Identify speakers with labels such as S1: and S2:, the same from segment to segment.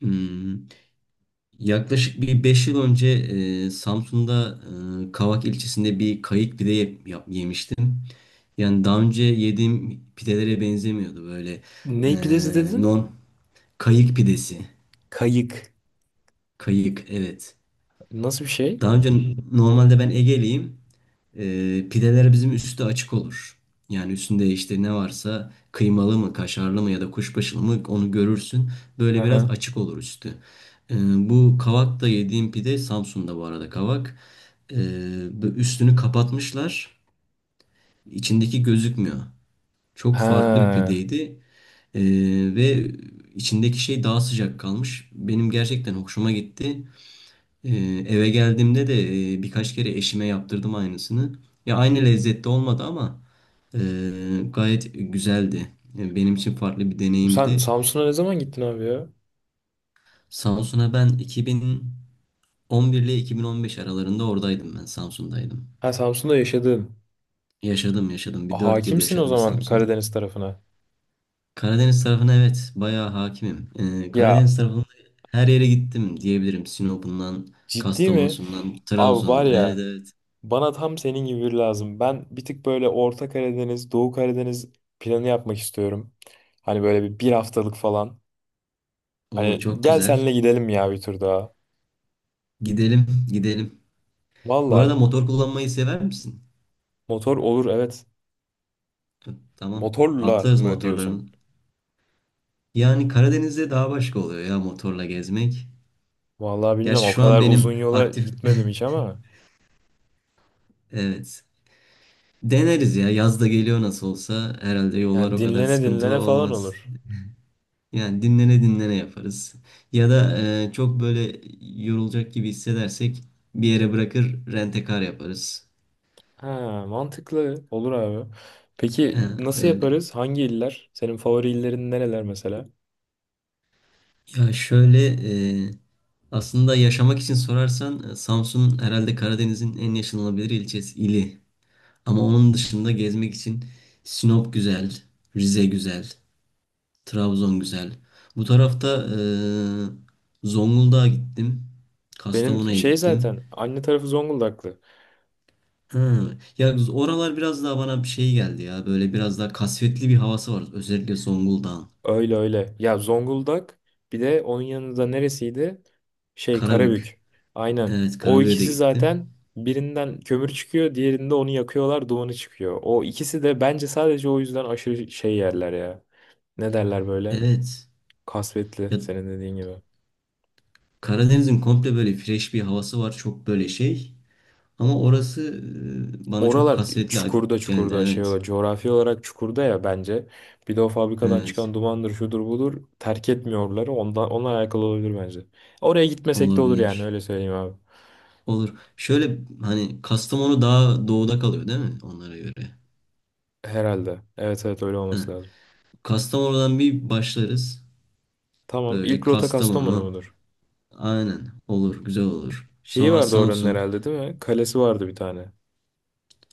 S1: Hmm, yaklaşık bir 5 yıl önce Samsun'da Kavak ilçesinde bir kayık yemiştim. Yani daha önce yediğim pidelere benzemiyordu böyle e,
S2: Ne pidesi dedin?
S1: non kayık pidesi.
S2: Kayık.
S1: Kayık, evet.
S2: Nasıl bir şey?
S1: Daha önce normalde ben Ege'liyim. E, pideler bizim üstü açık olur. Yani üstünde işte ne varsa kıymalı mı, kaşarlı mı ya da kuşbaşılı mı onu görürsün. Böyle biraz
S2: Aha.
S1: açık olur üstü. E, bu kavakta yediğim pide Samsun'da, bu arada kavak. E, bu üstünü kapatmışlar. İçindeki gözükmüyor. Çok farklı bir
S2: Ha.
S1: pideydi. E, ve içindeki şey daha sıcak kalmış. Benim gerçekten hoşuma gitti. Ee, eve geldiğimde de birkaç kere eşime yaptırdım aynısını. Ya aynı lezzette olmadı ama e, gayet güzeldi. E, benim için farklı bir
S2: Sen
S1: deneyimdi.
S2: Samsun'a ne zaman gittin abi ya?
S1: Samsun'a ben 2011 ile 2015 aralarında oradaydım, ben Samsun'daydım.
S2: Ha, Samsun'da yaşadın.
S1: Yaşadım, yaşadım. Bir 4 yıl
S2: Hakimsin o
S1: yaşadım
S2: zaman
S1: Samsun'da.
S2: Karadeniz tarafına.
S1: Karadeniz tarafına evet, bayağı hakimim. E,
S2: Ya,
S1: Karadeniz tarafında her yere gittim diyebilirim. Sinop'undan,
S2: ciddi mi?
S1: Kastamonu'sundan,
S2: Abi var
S1: Trabzon'dan. Evet,
S2: ya,
S1: evet.
S2: bana tam senin gibi biri lazım. Ben bir tık böyle Orta Karadeniz, Doğu Karadeniz planı yapmak istiyorum. Hani böyle bir haftalık falan.
S1: O
S2: Hani
S1: çok
S2: gel
S1: güzel.
S2: senle gidelim ya bir tur daha.
S1: Gidelim, gidelim. Bu arada
S2: Valla
S1: motor kullanmayı sever misin?
S2: motor olur, evet.
S1: Tamam.
S2: Motorla
S1: Atlarız
S2: mı diyorsun?
S1: motorların. Yani Karadeniz'de daha başka oluyor ya motorla gezmek.
S2: Vallahi
S1: Gerçi
S2: bilmiyorum, o
S1: şu an
S2: kadar uzun
S1: benim
S2: yola
S1: aktif...
S2: gitmedim hiç ama
S1: Evet. Deneriz ya. Yaz da geliyor nasıl olsa. Herhalde yollar
S2: yani
S1: o kadar
S2: dinlene
S1: sıkıntılı
S2: dinlene falan
S1: olmaz.
S2: olur.
S1: Yani dinlene dinlene yaparız. Ya da çok böyle yorulacak gibi hissedersek bir yere bırakır rent yaparız.
S2: Ha, mantıklı olur abi. Peki
S1: Ha,
S2: nasıl
S1: öyle.
S2: yaparız? Hangi iller? Senin favori illerin nereler mesela?
S1: Ya şöyle, e, aslında yaşamak için sorarsan Samsun herhalde Karadeniz'in en yaşanılabilir ilçesi, ili. Ama onun dışında gezmek için Sinop güzel, Rize güzel, Trabzon güzel. Bu tarafta Zonguldak'a gittim,
S2: Benim
S1: Kastamonu'ya
S2: şey
S1: gittim.
S2: zaten anne tarafı Zonguldaklı.
S1: Ha, ya oralar biraz daha bana bir şey geldi ya. Böyle biraz daha kasvetli bir havası var. Özellikle Zonguldak'ın.
S2: Öyle öyle. Ya Zonguldak, bir de onun yanında neresiydi? Şey,
S1: Karabük.
S2: Karabük. Aynen.
S1: Evet,
S2: O
S1: Karabük'e de
S2: ikisi
S1: gittim.
S2: zaten birinden kömür çıkıyor, diğerinde onu yakıyorlar, dumanı çıkıyor. O ikisi de bence sadece o yüzden aşırı şey yerler ya. Ne derler böyle?
S1: Evet.
S2: Kasvetli,
S1: Ya,
S2: senin dediğin gibi.
S1: Karadeniz'in komple böyle fresh bir havası var. Çok böyle şey. Ama orası bana çok
S2: Oralar
S1: kasvetli
S2: çukurda
S1: geldi.
S2: çukurda şey
S1: Evet.
S2: olarak coğrafi olarak çukurda ya bence. Bir de o fabrikadan
S1: Evet.
S2: çıkan dumandır şudur budur terk etmiyorlar. Onlar alakalı olabilir bence. Oraya gitmesek de olur yani,
S1: Olabilir.
S2: öyle söyleyeyim abi.
S1: Olur. Şöyle, hani Kastamonu daha doğuda kalıyor değil mi? Onlara göre.
S2: Herhalde. Evet evet, öyle
S1: Heh.
S2: olması lazım.
S1: Kastamonu'dan bir başlarız.
S2: Tamam,
S1: Böyle
S2: ilk rota Kastamonu
S1: Kastamonu.
S2: mudur?
S1: Aynen. Olur. Güzel olur.
S2: Şeyi
S1: Sonra
S2: vardı oranın
S1: Samsun.
S2: herhalde, değil mi? Kalesi vardı bir tane.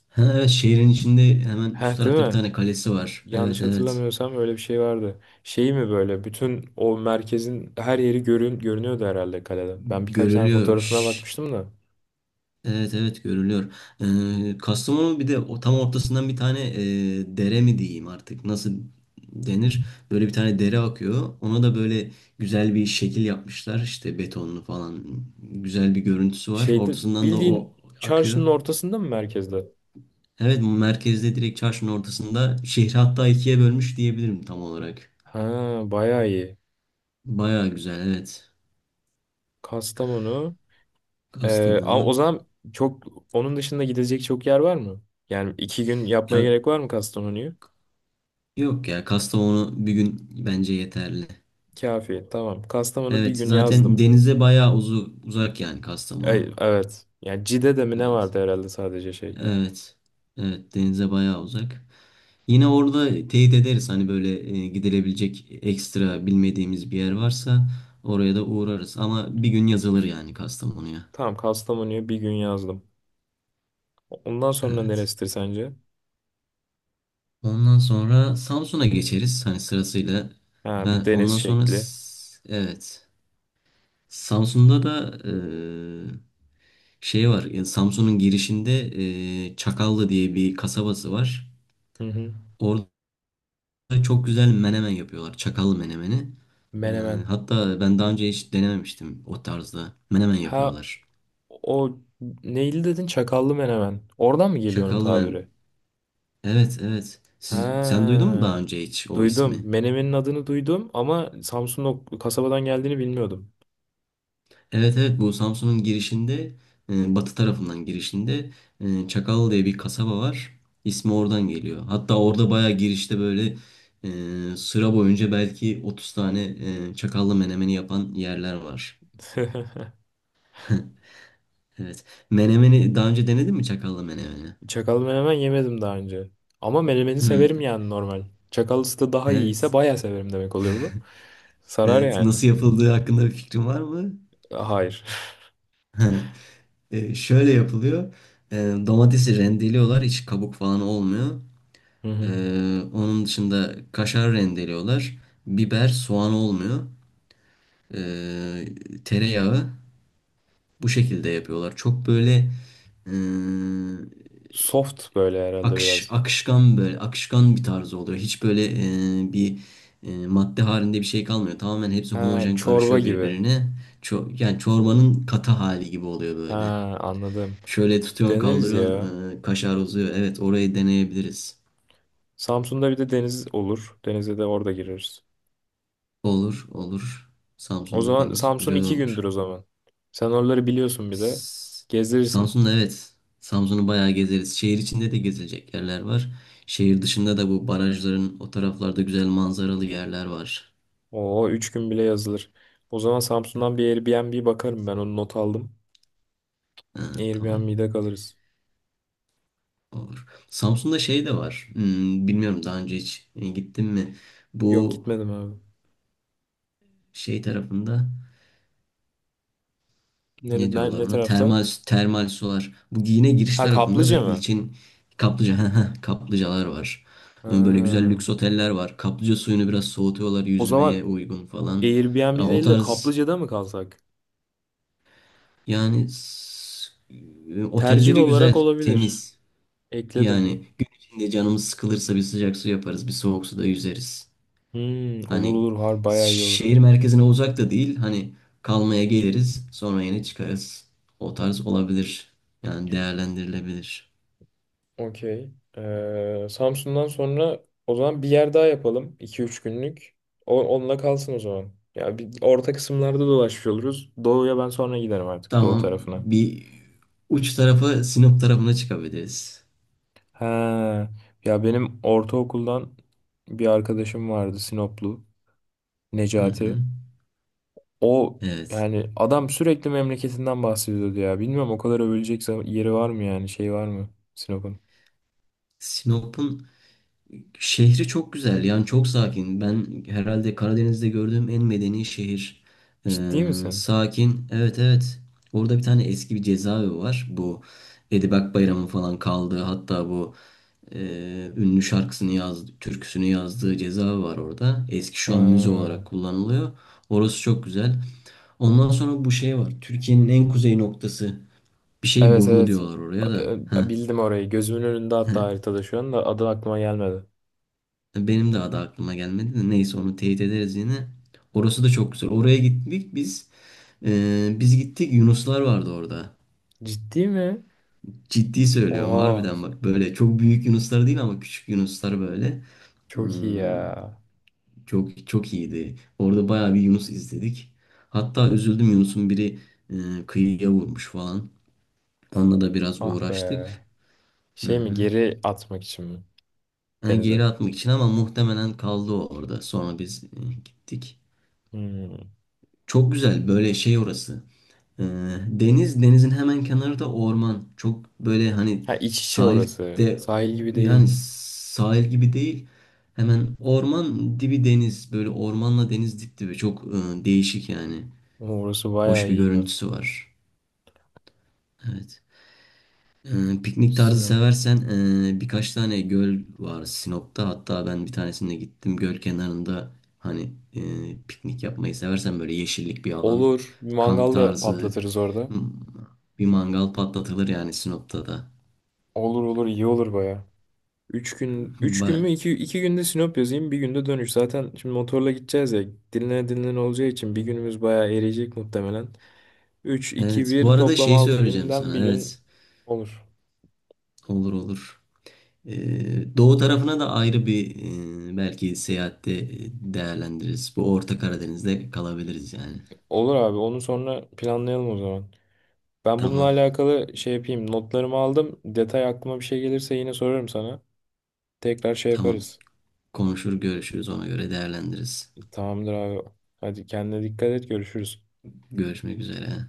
S1: Ha, evet, şehrin içinde hemen üst
S2: Heh, değil
S1: tarafta bir
S2: mi?
S1: tane kalesi var. Evet,
S2: Yanlış
S1: evet.
S2: hatırlamıyorsam öyle bir şey vardı. Şey mi, böyle bütün o merkezin her yeri görünüyordu herhalde kaleden. Ben birkaç tane
S1: Görülüyor.
S2: fotoğrafına
S1: Şşş.
S2: bakmıştım da.
S1: Evet, evet, görülüyor. Kastamonu bir de o tam ortasından bir tane dere mi diyeyim artık nasıl denir? Böyle bir tane dere akıyor. Ona da böyle güzel bir şekil yapmışlar işte, betonlu falan, güzel bir görüntüsü var.
S2: Şeyde,
S1: Ortasından da o
S2: bildiğin
S1: akıyor.
S2: çarşının ortasında mı, merkezde?
S1: Evet, merkezde, direkt çarşının ortasında, şehri hatta ikiye bölmüş diyebilirim tam olarak.
S2: Ha, bayağı iyi.
S1: Baya güzel evet,
S2: Kastamonu. Ama
S1: Kastamonu.
S2: o zaman çok onun dışında gidecek çok yer var mı? Yani 2 gün yapmaya
S1: Ya,
S2: gerek var mı Kastamonu'yu?
S1: yok ya, Kastamonu bir gün bence yeterli.
S2: Kafi. Tamam. Kastamonu bir
S1: Evet,
S2: gün
S1: zaten
S2: yazdım.
S1: denize bayağı uzak yani Kastamonu.
S2: Ay, evet. Yani Cide'de mi ne
S1: Evet.
S2: vardı herhalde, sadece şey.
S1: Evet. Evet, denize bayağı uzak. Yine orada teyit ederiz, hani böyle gidilebilecek ekstra bilmediğimiz bir yer varsa oraya da uğrarız. Ama bir gün yazılır yani Kastamonu'ya.
S2: Tamam, Kastamonu'yu bir gün yazdım. Ondan sonra
S1: Evet.
S2: neresidir sence?
S1: Ondan sonra Samsun'a geçeriz hani sırasıyla.
S2: Ha, bir deniz şekli.
S1: Evet. Samsun'da da şey var. Yani Samsun'un girişinde Çakallı diye bir kasabası var.
S2: Hı hı.
S1: Orada çok güzel menemen yapıyorlar. Çakallı menemeni. E,
S2: Menemen.
S1: hatta ben daha önce hiç denememiştim o tarzda. Menemen
S2: Ha,
S1: yapıyorlar.
S2: o neyli dedin? Çakallı menemen. Oradan mı geliyor onun
S1: Çakallı menemen.
S2: tabiri?
S1: Evet, evet.
S2: Ha,
S1: Sen duydun mu daha önce hiç o
S2: duydum.
S1: ismi?
S2: Menemenin adını duydum ama Samsun o kasabadan geldiğini bilmiyordum.
S1: Evet, evet, bu Samsun'un girişinde, batı tarafından girişinde Çakal diye bir kasaba var. İsmi oradan geliyor. Hatta orada bayağı girişte böyle sıra boyunca belki 30 tane çakallı menemeni yapan yerler var. Evet. Menemeni daha önce denedin mi, çakallı menemeni?
S2: Çakallı menemen yemedim daha önce. Ama menemeni severim
S1: Hmm,
S2: yani, normal. Çakallısı da daha iyiyse
S1: evet.
S2: bayağı severim demek oluyor bu. Sarar
S1: Evet.
S2: yani.
S1: Nasıl yapıldığı hakkında bir fikrin var mı?
S2: Hayır.
S1: E, şöyle yapılıyor. E, domatesi rendeliyorlar. Hiç kabuk falan olmuyor.
S2: Hı hı.
S1: Onun dışında kaşar rendeliyorlar. Biber, soğan olmuyor. Ee, tereyağı, bu şekilde yapıyorlar. Çok böyle e,
S2: Soft böyle herhalde biraz.
S1: akışkan, böyle akışkan bir tarz oluyor. Hiç böyle e, bir madde halinde bir şey kalmıyor. Tamamen hepsi
S2: Ha,
S1: homojen
S2: çorba
S1: karışıyor
S2: gibi.
S1: birbirine. Yani çorbanın katı hali gibi oluyor
S2: Ha,
S1: böyle.
S2: anladım.
S1: Şöyle tutuyorsun,
S2: Deneriz ya.
S1: kaldırıyorsun, kaşar uzuyor. Evet, orayı deneyebiliriz.
S2: Samsun'da bir de deniz olur. Denize de orada gireriz.
S1: Olur, olur.
S2: O
S1: Samsun'da
S2: zaman
S1: deniz
S2: Samsun
S1: güzel
S2: 2 gündür
S1: olur.
S2: o zaman. Sen oraları biliyorsun bir de.
S1: S-
S2: Gezdirirsin.
S1: Samsun'da evet. Samsun'u bayağı gezeriz. Şehir içinde de gezilecek yerler var. Şehir dışında da bu barajların o taraflarda güzel manzaralı yerler var.
S2: Oo, 3 gün bile yazılır. O zaman Samsun'dan bir Airbnb bakarım, ben onu not aldım.
S1: Ha, tamam.
S2: Airbnb'de kalırız.
S1: Olur. Samsun'da şey de var. Hmm, bilmiyorum daha önce hiç gittim mi?
S2: Yok,
S1: Bu
S2: gitmedim abi.
S1: şey tarafında.
S2: Nere,
S1: Ne
S2: ne,
S1: diyorlar
S2: ne
S1: ona?
S2: tarafta?
S1: Termal, termal sular. Bu yine giriş
S2: Ha,
S1: tarafında da
S2: kaplıca mı?
S1: ilçin kaplıca haha, kaplıcalar var. Böyle güzel
S2: Ha.
S1: lüks oteller var. Kaplıca suyunu biraz soğutuyorlar
S2: O
S1: yüzmeye
S2: zaman
S1: uygun falan.
S2: Airbnb
S1: Yani o
S2: değil de
S1: tarz,
S2: kaplıcada mı kalsak?
S1: yani s-
S2: Tercih
S1: otelleri
S2: olarak
S1: güzel,
S2: olabilir.
S1: temiz.
S2: Ekledim.
S1: Yani gün içinde canımız sıkılırsa bir sıcak su yaparız, bir soğuk suda yüzeriz.
S2: Hmm, olur
S1: Hani
S2: olur, bayağı iyi olur.
S1: şehir merkezine uzak da değil. Hani kalmaya geliriz, sonra yine çıkarız. O tarz olabilir. Yani değerlendirilebilir.
S2: Okey. Samsun'dan sonra o zaman bir yer daha yapalım. 2-3 günlük. O, onunla kalsın o zaman. Ya bir orta kısımlarda dolaşmış oluruz. Doğu'ya ben sonra giderim artık. Doğu
S1: Tamam,
S2: tarafına.
S1: bir uç tarafı Sinop tarafına çıkabiliriz.
S2: He. Ya benim ortaokuldan bir arkadaşım vardı, Sinoplu.
S1: Hı hı.
S2: Necati. O,
S1: Evet.
S2: yani adam sürekli memleketinden bahsediyordu ya. Bilmiyorum o kadar övülecek yeri var mı, yani şey var mı Sinop'un?
S1: Sinop'un şehri çok güzel, yani çok sakin. Ben herhalde Karadeniz'de gördüğüm en medeni şehir. Ee,
S2: Ciddi misin?
S1: sakin. Evet, evet. Orada bir tane eski bir cezaevi var. Bu Edibak Bayram'ın falan kaldığı, hatta bu e, ünlü şarkısını yazdı, türküsünü yazdığı cezaevi var orada. Eski, şu an müze
S2: Ha.
S1: olarak kullanılıyor. Orası çok güzel. Ondan sonra bu şey var, Türkiye'nin en kuzey noktası. Bir şey
S2: Evet
S1: burnu
S2: evet.
S1: diyorlar oraya da. Heh.
S2: Bildim orayı. Gözümün önünde, hatta haritada şu anda adı aklıma gelmedi.
S1: Benim de adı aklıma gelmedi, de neyse onu teyit ederiz yine. Orası da çok güzel. Oraya gittik biz. Biz gittik, Yunuslar vardı orada.
S2: Ciddi mi?
S1: Ciddi söylüyorum
S2: Oha.
S1: harbiden bak, böyle çok büyük Yunuslar değil ama küçük Yunuslar böyle.
S2: Çok iyi
S1: Hmm,
S2: ya.
S1: çok çok iyiydi. Orada bayağı bir Yunus izledik. Hatta üzüldüm, Yunus'un biri kıyıya vurmuş falan. Onunla da biraz
S2: Ah
S1: uğraştık.
S2: be.
S1: Hı
S2: Şey mi,
S1: hı.
S2: geri atmak için mi?
S1: Yani
S2: Denize.
S1: geri atmak için, ama muhtemelen kaldı o orada. Sonra biz gittik.
S2: Hmm.
S1: Çok güzel böyle şey orası. Ee, deniz, denizin hemen kenarı da orman. Çok böyle hani
S2: Ha, iç içe orası.
S1: sahilde,
S2: Sahil gibi
S1: yani
S2: değil.
S1: sahil gibi değil. Hemen orman dibi deniz. Böyle ormanla deniz dip dibi. Çok değişik yani.
S2: Ama orası bayağı
S1: Hoş bir
S2: iyi be.
S1: görüntüsü var. Evet. Piknik tarzı
S2: Sinop.
S1: seversen birkaç tane göl var Sinop'ta. Hatta ben bir tanesinde gittim. Göl kenarında hani piknik yapmayı seversen, böyle yeşillik bir alan,
S2: Olur. Bir
S1: kamp
S2: mangal da
S1: tarzı,
S2: patlatırız orada.
S1: hmm, bir mangal patlatılır yani Sinop'ta da.
S2: Olur olur, iyi olur bayağı. 3 gün, 3 gün
S1: Ba-
S2: mü? İki günde Sinop yazayım, bir günde dönüş. Zaten şimdi motorla gideceğiz ya. Dinlene dinlene olacağı için bir günümüz bayağı eriyecek muhtemelen. Üç, iki,
S1: evet. Bu
S2: bir,
S1: arada
S2: toplam
S1: şey
S2: altı
S1: söyleyeceğim
S2: günden bir
S1: sana.
S2: gün
S1: Evet.
S2: olur.
S1: Olur, olur. Doğu tarafına da ayrı bir belki seyahatte değerlendiririz. Bu Orta Karadeniz'de kalabiliriz yani.
S2: Olur abi. Onu sonra planlayalım o zaman. Ben bununla
S1: Tamam.
S2: alakalı şey yapayım. Notlarımı aldım. Detay aklıma bir şey gelirse yine sorarım sana. Tekrar şey
S1: Tamam.
S2: yaparız.
S1: Konuşur, görüşürüz, ona göre değerlendiririz.
S2: Tamamdır abi. Hadi kendine dikkat et. Görüşürüz.
S1: Görüşmek üzere.